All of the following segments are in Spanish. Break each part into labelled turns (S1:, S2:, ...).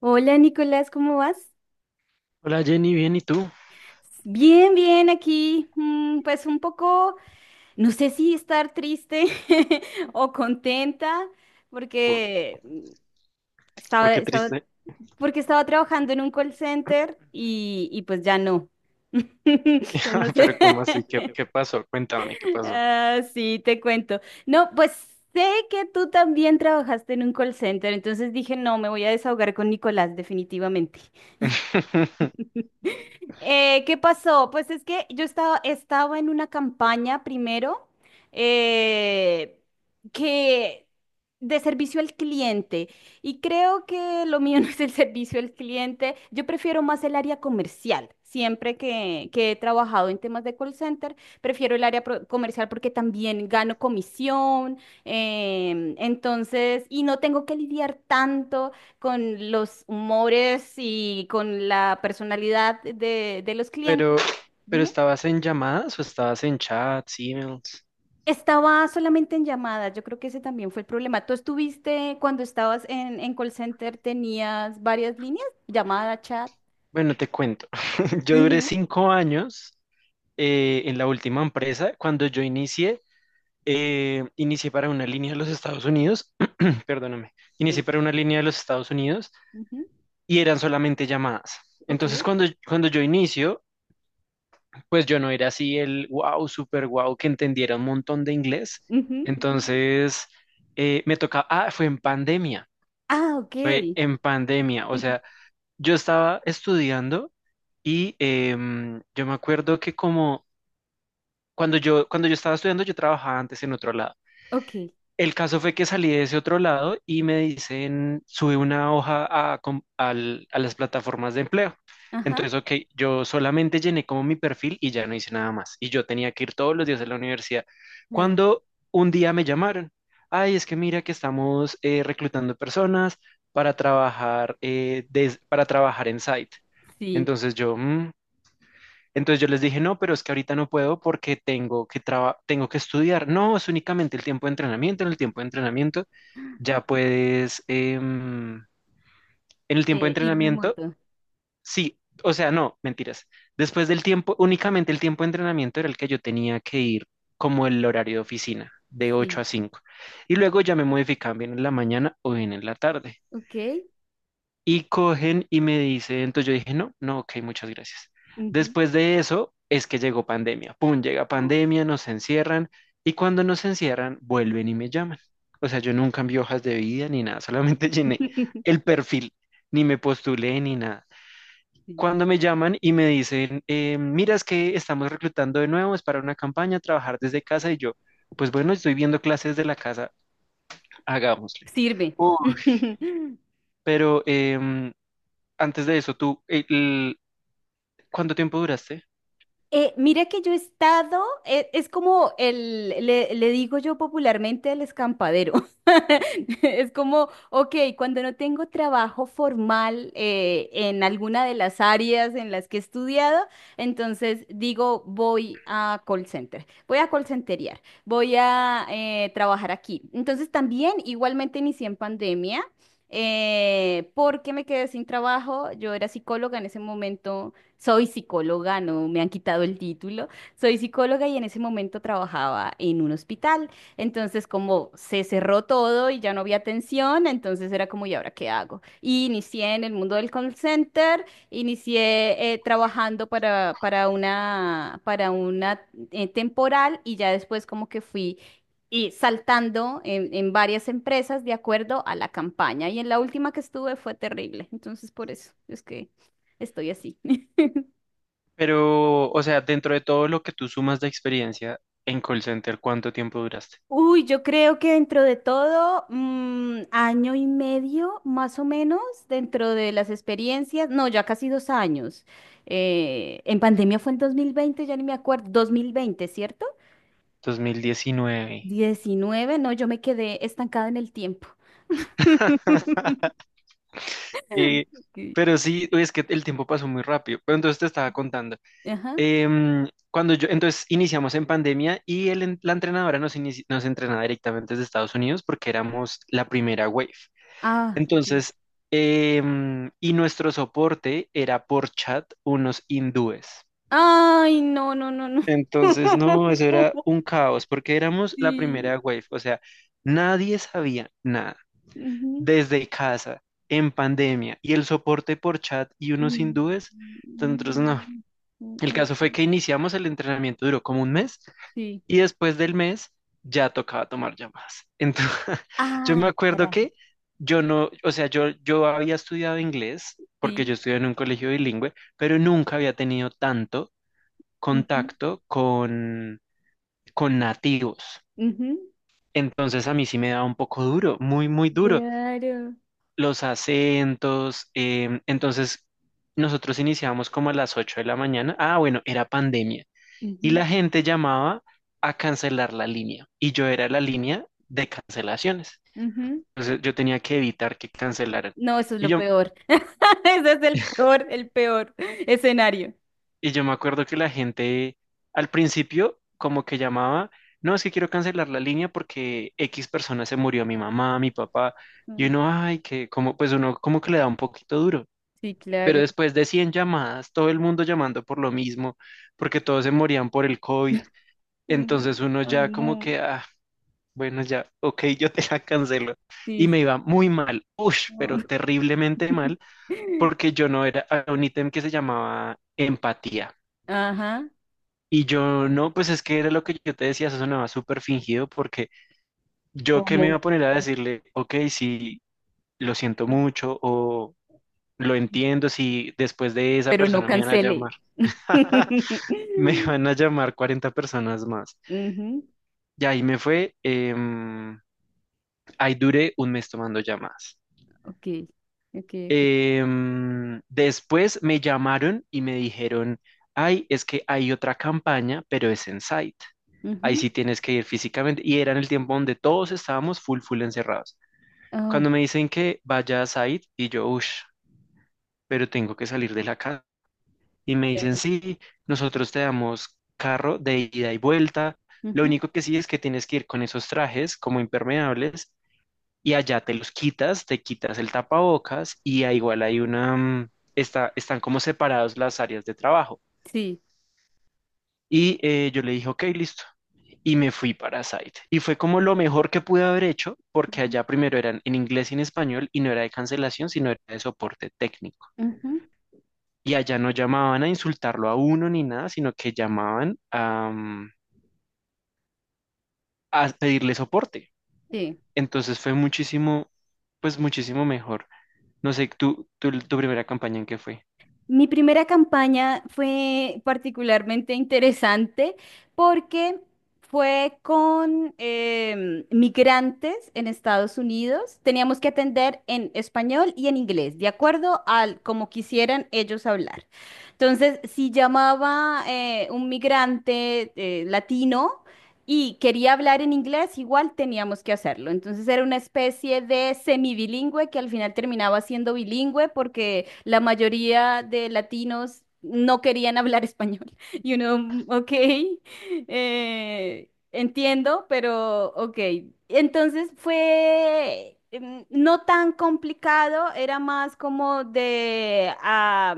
S1: Hola Nicolás, ¿cómo vas?
S2: Hola Jenny, bien, ¿y tú?
S1: Bien, bien, aquí, pues un poco, no sé si estar triste o contenta,
S2: ¿Por,
S1: porque
S2: por
S1: estaba,
S2: qué
S1: estaba-
S2: triste?
S1: porque estaba trabajando en un call center y pues ya no. Entonces, no sé.
S2: Pero ¿cómo así? ¿Qué pasó? Cuéntame, ¿qué pasó?
S1: Ah, sí, te cuento. No, pues sé que tú también trabajaste en un call center, entonces dije, no, me voy a desahogar con Nicolás, definitivamente. ¿Qué pasó? Pues es que yo estaba en una campaña primero eh, que de servicio al cliente y creo que lo mío no es el servicio al cliente, yo prefiero más el área comercial. Siempre que he trabajado en temas de call center, prefiero el área comercial porque también gano comisión, entonces, y no tengo que lidiar tanto con los humores y con la personalidad de los
S2: Pero,
S1: clientes.
S2: pero
S1: Dime.
S2: ¿estabas en llamadas o estabas en chats, emails?
S1: Estaba solamente en llamadas, yo creo que ese también fue el problema. ¿Tú estuviste cuando estabas en call center, tenías varias líneas? Llamada, chat.
S2: Bueno, te cuento. Yo duré
S1: Ujú.
S2: 5 años en la última empresa. Cuando yo inicié para una línea de los Estados Unidos, perdóname, inicié
S1: eh,
S2: para una línea de los Estados Unidos
S1: Ujú.
S2: y eran solamente llamadas.
S1: Ok.
S2: Entonces, cuando yo inicio, pues yo no era así el wow, super wow, que entendiera un montón de inglés.
S1: Ujú.
S2: Entonces, me tocaba, fue en pandemia,
S1: Ah, ok.
S2: o sea, yo estaba estudiando y yo me acuerdo que como cuando yo estaba estudiando, yo trabajaba antes en otro lado.
S1: Ok.
S2: El caso fue que salí de ese otro lado y me dicen, sube una hoja a las plataformas de empleo.
S1: Ajá.
S2: Entonces, ok, yo solamente llené como mi perfil y ya no hice nada más. Y yo tenía que ir todos los días a la universidad.
S1: mm,
S2: Cuando un día me llamaron, ay, es que mira que estamos reclutando personas para trabajar, para trabajar en site.
S1: Sí.
S2: Entonces yo, "Mm, entonces yo les dije, no, pero es que ahorita no puedo porque tengo que estudiar. No, es únicamente el tiempo de entrenamiento. En el tiempo de entrenamiento ya puedes, en el tiempo de
S1: Y
S2: entrenamiento,
S1: remoto.
S2: sí, o sea, no, mentiras. Después del tiempo, únicamente el tiempo de entrenamiento era el que yo tenía que ir como el horario de oficina, de ocho
S1: Sí.
S2: a cinco Y luego ya me modificaban bien en la mañana o bien en la tarde.
S1: Ok.
S2: Y cogen y me dicen, entonces yo dije, no, no, ok, muchas gracias.
S1: Ujú.
S2: Después de eso es que llegó pandemia. Pum, llega
S1: Oh.
S2: pandemia, nos encierran y cuando nos encierran vuelven y me llaman. O sea, yo nunca envié hojas de vida ni nada, solamente llené el perfil, ni me postulé ni nada.
S1: Sí.
S2: Cuando me llaman y me dicen, mira, es que estamos reclutando de nuevo, es para una campaña, trabajar desde casa y yo, pues bueno, estoy viendo clases de la casa, hagámosle.
S1: Sirve.
S2: Uf, pero antes de eso, ¿Cuánto tiempo duraste?
S1: Mira que yo he estado, es como el, le digo yo popularmente el escampadero. Es como, ok, cuando no tengo trabajo formal en alguna de las áreas en las que he estudiado, entonces digo, voy a call center, voy a call centerear, voy a trabajar aquí. Entonces también, igualmente inicié en pandemia. Porque me quedé sin trabajo, yo era psicóloga en ese momento, soy psicóloga, no me han quitado el título. Soy psicóloga y en ese momento trabajaba en un hospital. Entonces, como se cerró todo y ya no había atención, entonces era como, ¿y ahora qué hago? Y inicié en el mundo del call center, inicié trabajando para una temporal y ya después como que fui y saltando en varias empresas de acuerdo a la campaña. Y en la última que estuve fue terrible. Entonces, por eso es que estoy así.
S2: Pero, o sea, dentro de todo lo que tú sumas de experiencia en call center, ¿cuánto tiempo duraste?
S1: Uy, yo creo que dentro de todo, 1 año y medio más o menos, dentro de las experiencias, no, ya casi 2 años. En pandemia fue en 2020, ya ni me acuerdo. 2020, ¿cierto?
S2: 2019.
S1: 19, no, yo me quedé estancada en el tiempo.
S2: Eh,
S1: Ok.
S2: pero sí, uy, es que el tiempo pasó muy rápido. Pero entonces te estaba contando.
S1: Ajá.
S2: Cuando yo, entonces iniciamos en pandemia y la entrenadora nos entrenaba directamente desde Estados Unidos porque éramos la primera wave.
S1: Ah, ok.
S2: Entonces, y nuestro soporte era por chat unos hindúes.
S1: Ay, no, no, no, no.
S2: Entonces, no, eso era un caos, porque éramos la primera
S1: Sí.
S2: wave, o sea, nadie sabía nada,
S1: Ujú.
S2: desde casa, en pandemia, y el soporte por chat y unos
S1: Mm,
S2: hindúes,
S1: mm,
S2: entonces no.
S1: mm, mm,
S2: El
S1: mm, mm.
S2: caso fue
S1: Mm.
S2: que iniciamos el entrenamiento, duró como un mes,
S1: Sí.
S2: y después del mes ya tocaba tomar llamadas. Entonces, yo me
S1: Ah,
S2: acuerdo
S1: carajo.
S2: que yo no, o sea, yo había estudiado inglés, porque
S1: Sí.
S2: yo estudié en un colegio bilingüe, pero nunca había tenido tanto
S1: Ujú,
S2: contacto con nativos.
S1: ujú,
S2: Entonces a mí sí me da un poco duro, muy, muy duro.
S1: claro.
S2: Los acentos, entonces nosotros iniciábamos como a las 8 de la mañana. Ah, bueno, era pandemia. Y
S1: Ujú,
S2: la gente llamaba a cancelar la línea. Y yo era la línea de cancelaciones.
S1: ujú.
S2: Entonces yo tenía que evitar que cancelaran.
S1: No, eso es
S2: Y
S1: lo
S2: yo,
S1: peor. Ese es el peor escenario.
S2: Y yo me acuerdo que la gente al principio como que llamaba, no, es que quiero cancelar la línea porque X persona se murió, mi mamá, mi papá, y
S1: Mm,
S2: uno, ay, que como, pues uno como que le da un poquito duro.
S1: Sí,
S2: Pero
S1: claro.
S2: después de 100 llamadas, todo el mundo llamando por lo mismo, porque todos se morían por el COVID,
S1: Mm,
S2: entonces uno
S1: Ay,
S2: ya como
S1: no.
S2: que, ah, bueno, ya, ok, yo te la cancelo. Y
S1: Sí.
S2: me iba muy mal, uff, pero
S1: No.
S2: terriblemente mal, porque yo no era, había un ítem que se llamaba empatía.
S1: Ajá.
S2: Y yo, no, pues es que era lo que yo te decía, eso sonaba súper fingido porque yo qué me iba
S1: ¿Cómo?
S2: a poner a decirle, ok, sí, lo siento mucho o lo entiendo si después de esa
S1: Pero no
S2: persona me van a
S1: cancele.
S2: llamar. Me van a llamar 40 personas más.
S1: Ujú.
S2: Y ahí me fue, ahí duré un mes tomando llamadas.
S1: Ok, ok, ok.
S2: Después me llamaron y me dijeron, ay, es que hay otra campaña, pero es en site. Ahí
S1: Ujú.
S2: sí tienes que ir físicamente. Y era en el tiempo donde todos estábamos full, full encerrados.
S1: Ah,
S2: Cuando me dicen que vaya a site, y yo, uff, pero tengo que salir de la casa. Y me dicen,
S1: claro.
S2: sí, nosotros te damos carro de ida y vuelta. Lo
S1: Ujú.
S2: único que sí es que tienes que ir con esos trajes como impermeables y allá te los quitas, te quitas el tapabocas y ah, igual hay una, están como separados las áreas de trabajo.
S1: Sí.
S2: Y yo le dije, ok, listo. Y me fui para Site. Y fue como lo mejor que pude haber hecho, porque
S1: Ujú,
S2: allá primero eran en inglés y en español y no era de cancelación, sino era de soporte técnico.
S1: ujú.
S2: Y allá no llamaban a insultarlo a uno ni nada, sino que llamaban a pedirle soporte.
S1: Sí.
S2: Entonces fue muchísimo, pues muchísimo mejor. No sé, tu primera campaña en qué fue.
S1: Mi primera campaña fue particularmente interesante porque fue con migrantes en Estados Unidos. Teníamos que atender en español y en inglés, de acuerdo al como quisieran ellos hablar. Entonces, si llamaba un migrante latino, y quería hablar en inglés, igual teníamos que hacerlo. Entonces era una especie de semibilingüe que al final terminaba siendo bilingüe porque la mayoría de latinos no querían hablar español. Y uno, Ok, entiendo, pero ok". Entonces fue no tan complicado, era más como de, ah,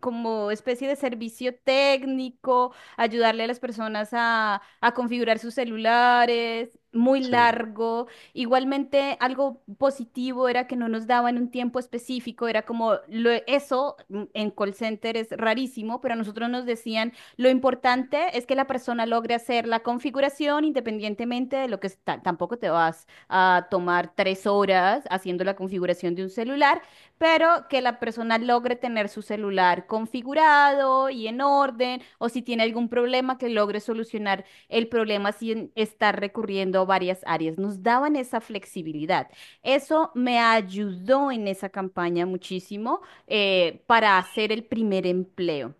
S1: como especie de servicio técnico, ayudarle a las personas a configurar sus celulares, muy
S2: Sí.
S1: largo. Igualmente, algo positivo era que no nos daban un tiempo específico, era como eso en call center es rarísimo, pero a nosotros nos decían lo importante es que la persona logre hacer la configuración independientemente de lo que está. Tampoco te vas a tomar 3 horas haciendo la configuración de un celular, pero que la persona logre tener su celular configurado y en orden, o si tiene algún problema, que logre solucionar el problema sin estar recurriendo a varias áreas. Nos daban esa flexibilidad. Eso me ayudó en esa campaña muchísimo para hacer el primer empleo.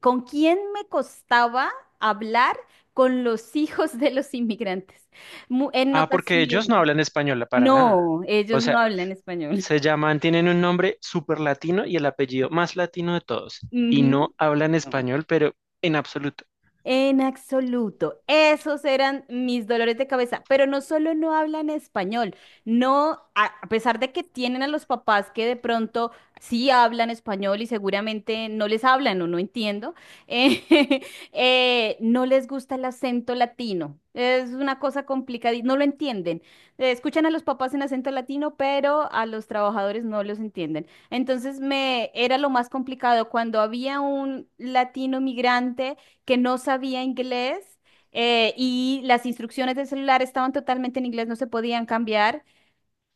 S1: ¿Con quién me costaba hablar? Con los hijos de los inmigrantes. En
S2: Ah, porque ellos
S1: ocasiones.
S2: no hablan español para nada.
S1: No,
S2: O
S1: ellos no
S2: sea,
S1: hablan español.
S2: se llaman, tienen un nombre súper latino y el apellido más latino de todos. Y
S1: Ujú.
S2: no hablan
S1: No.
S2: español, pero en absoluto.
S1: En absoluto. Esos eran mis dolores de cabeza. Pero no solo no hablan español, no, a pesar de que tienen a los papás que de pronto sí hablan español y seguramente no les hablan o no entiendo, eh, no les gusta el acento latino. Es una cosa complicada y no lo entienden. Escuchan a los papás en acento latino, pero a los trabajadores no los entienden. Entonces me era lo más complicado cuando había un latino migrante que no sabía inglés y las instrucciones del celular estaban totalmente en inglés, no se podían cambiar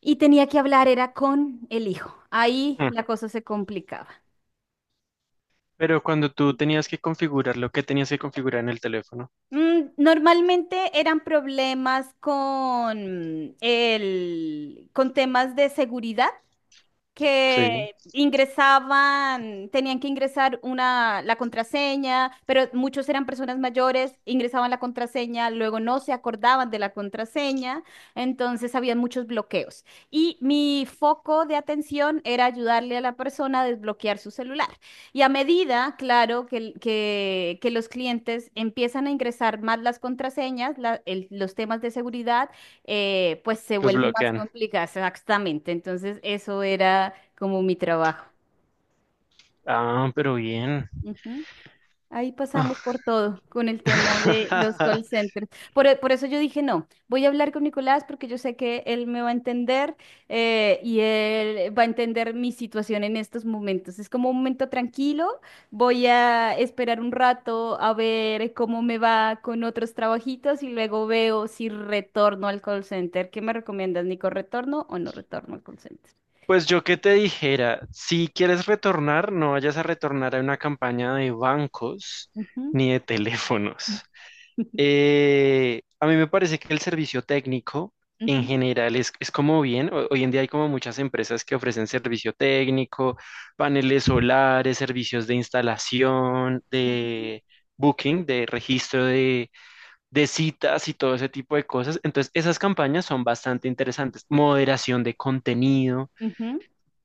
S1: y tenía que hablar, era con el hijo. Ahí
S2: Mm.
S1: la cosa se complicaba.
S2: Pero cuando tú tenías que configurar lo que tenías que configurar en el teléfono,
S1: Normalmente eran problemas con el, con temas de seguridad,
S2: sí,
S1: que ingresaban, tenían que ingresar una, la contraseña, pero muchos eran personas mayores, ingresaban la contraseña, luego no se acordaban de la contraseña, entonces había muchos bloqueos. Y mi foco de atención era ayudarle a la persona a desbloquear su celular. Y a medida, claro, que los clientes empiezan a ingresar más las contraseñas, los temas de seguridad, pues se
S2: los
S1: vuelve más
S2: bloquean.
S1: complicada, exactamente. Entonces, eso era como mi trabajo.
S2: Ah, pero bien.
S1: Ujú. Ahí pasamos
S2: Ah.
S1: por todo con el tema de los call centers. Por eso yo dije, no, voy a hablar con Nicolás porque yo sé que él me va a entender y él va a entender mi situación en estos momentos. Es como un momento tranquilo, voy a esperar un rato a ver cómo me va con otros trabajitos y luego veo si retorno al call center. ¿Qué me recomiendas, Nico? ¿Retorno o no retorno al call center?
S2: Pues yo que te dijera, si quieres retornar, no vayas a retornar a una campaña de bancos
S1: Ujú.
S2: ni de teléfonos. A mí me parece que el servicio técnico en
S1: Ujú,
S2: general es como bien, hoy en día hay como muchas empresas que ofrecen servicio técnico, paneles solares, servicios de instalación, de booking, de registro de citas y todo ese tipo de cosas. Entonces, esas campañas son bastante interesantes. Moderación de contenido.
S1: ujú, ujú,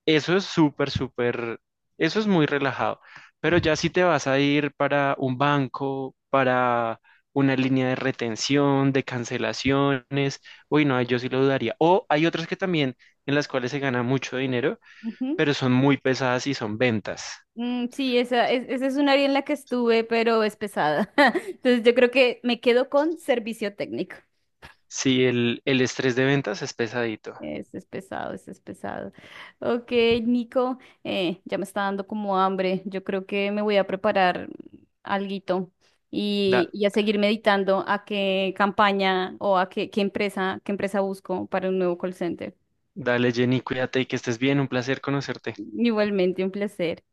S2: Eso es súper, súper, eso es muy relajado. Pero ya si te vas a ir para un banco, para una línea de retención, de cancelaciones, uy, no, yo sí lo dudaría. O hay otras que también en las cuales se gana mucho dinero,
S1: ujú.
S2: pero son muy pesadas y son ventas.
S1: Sí, esa es un área en la que estuve, pero es pesada. Entonces yo creo que me quedo con servicio técnico.
S2: Sí, el estrés de ventas es pesadito.
S1: Ese es pesado, ese es pesado. Ok, Nico, ya me está dando como hambre. Yo creo que me voy a preparar alguito
S2: Da,
S1: y a seguir meditando a qué campaña o a qué empresa busco para un nuevo call center.
S2: dale, Jenny, cuídate y que estés bien. Un placer conocerte.
S1: Igualmente, un placer.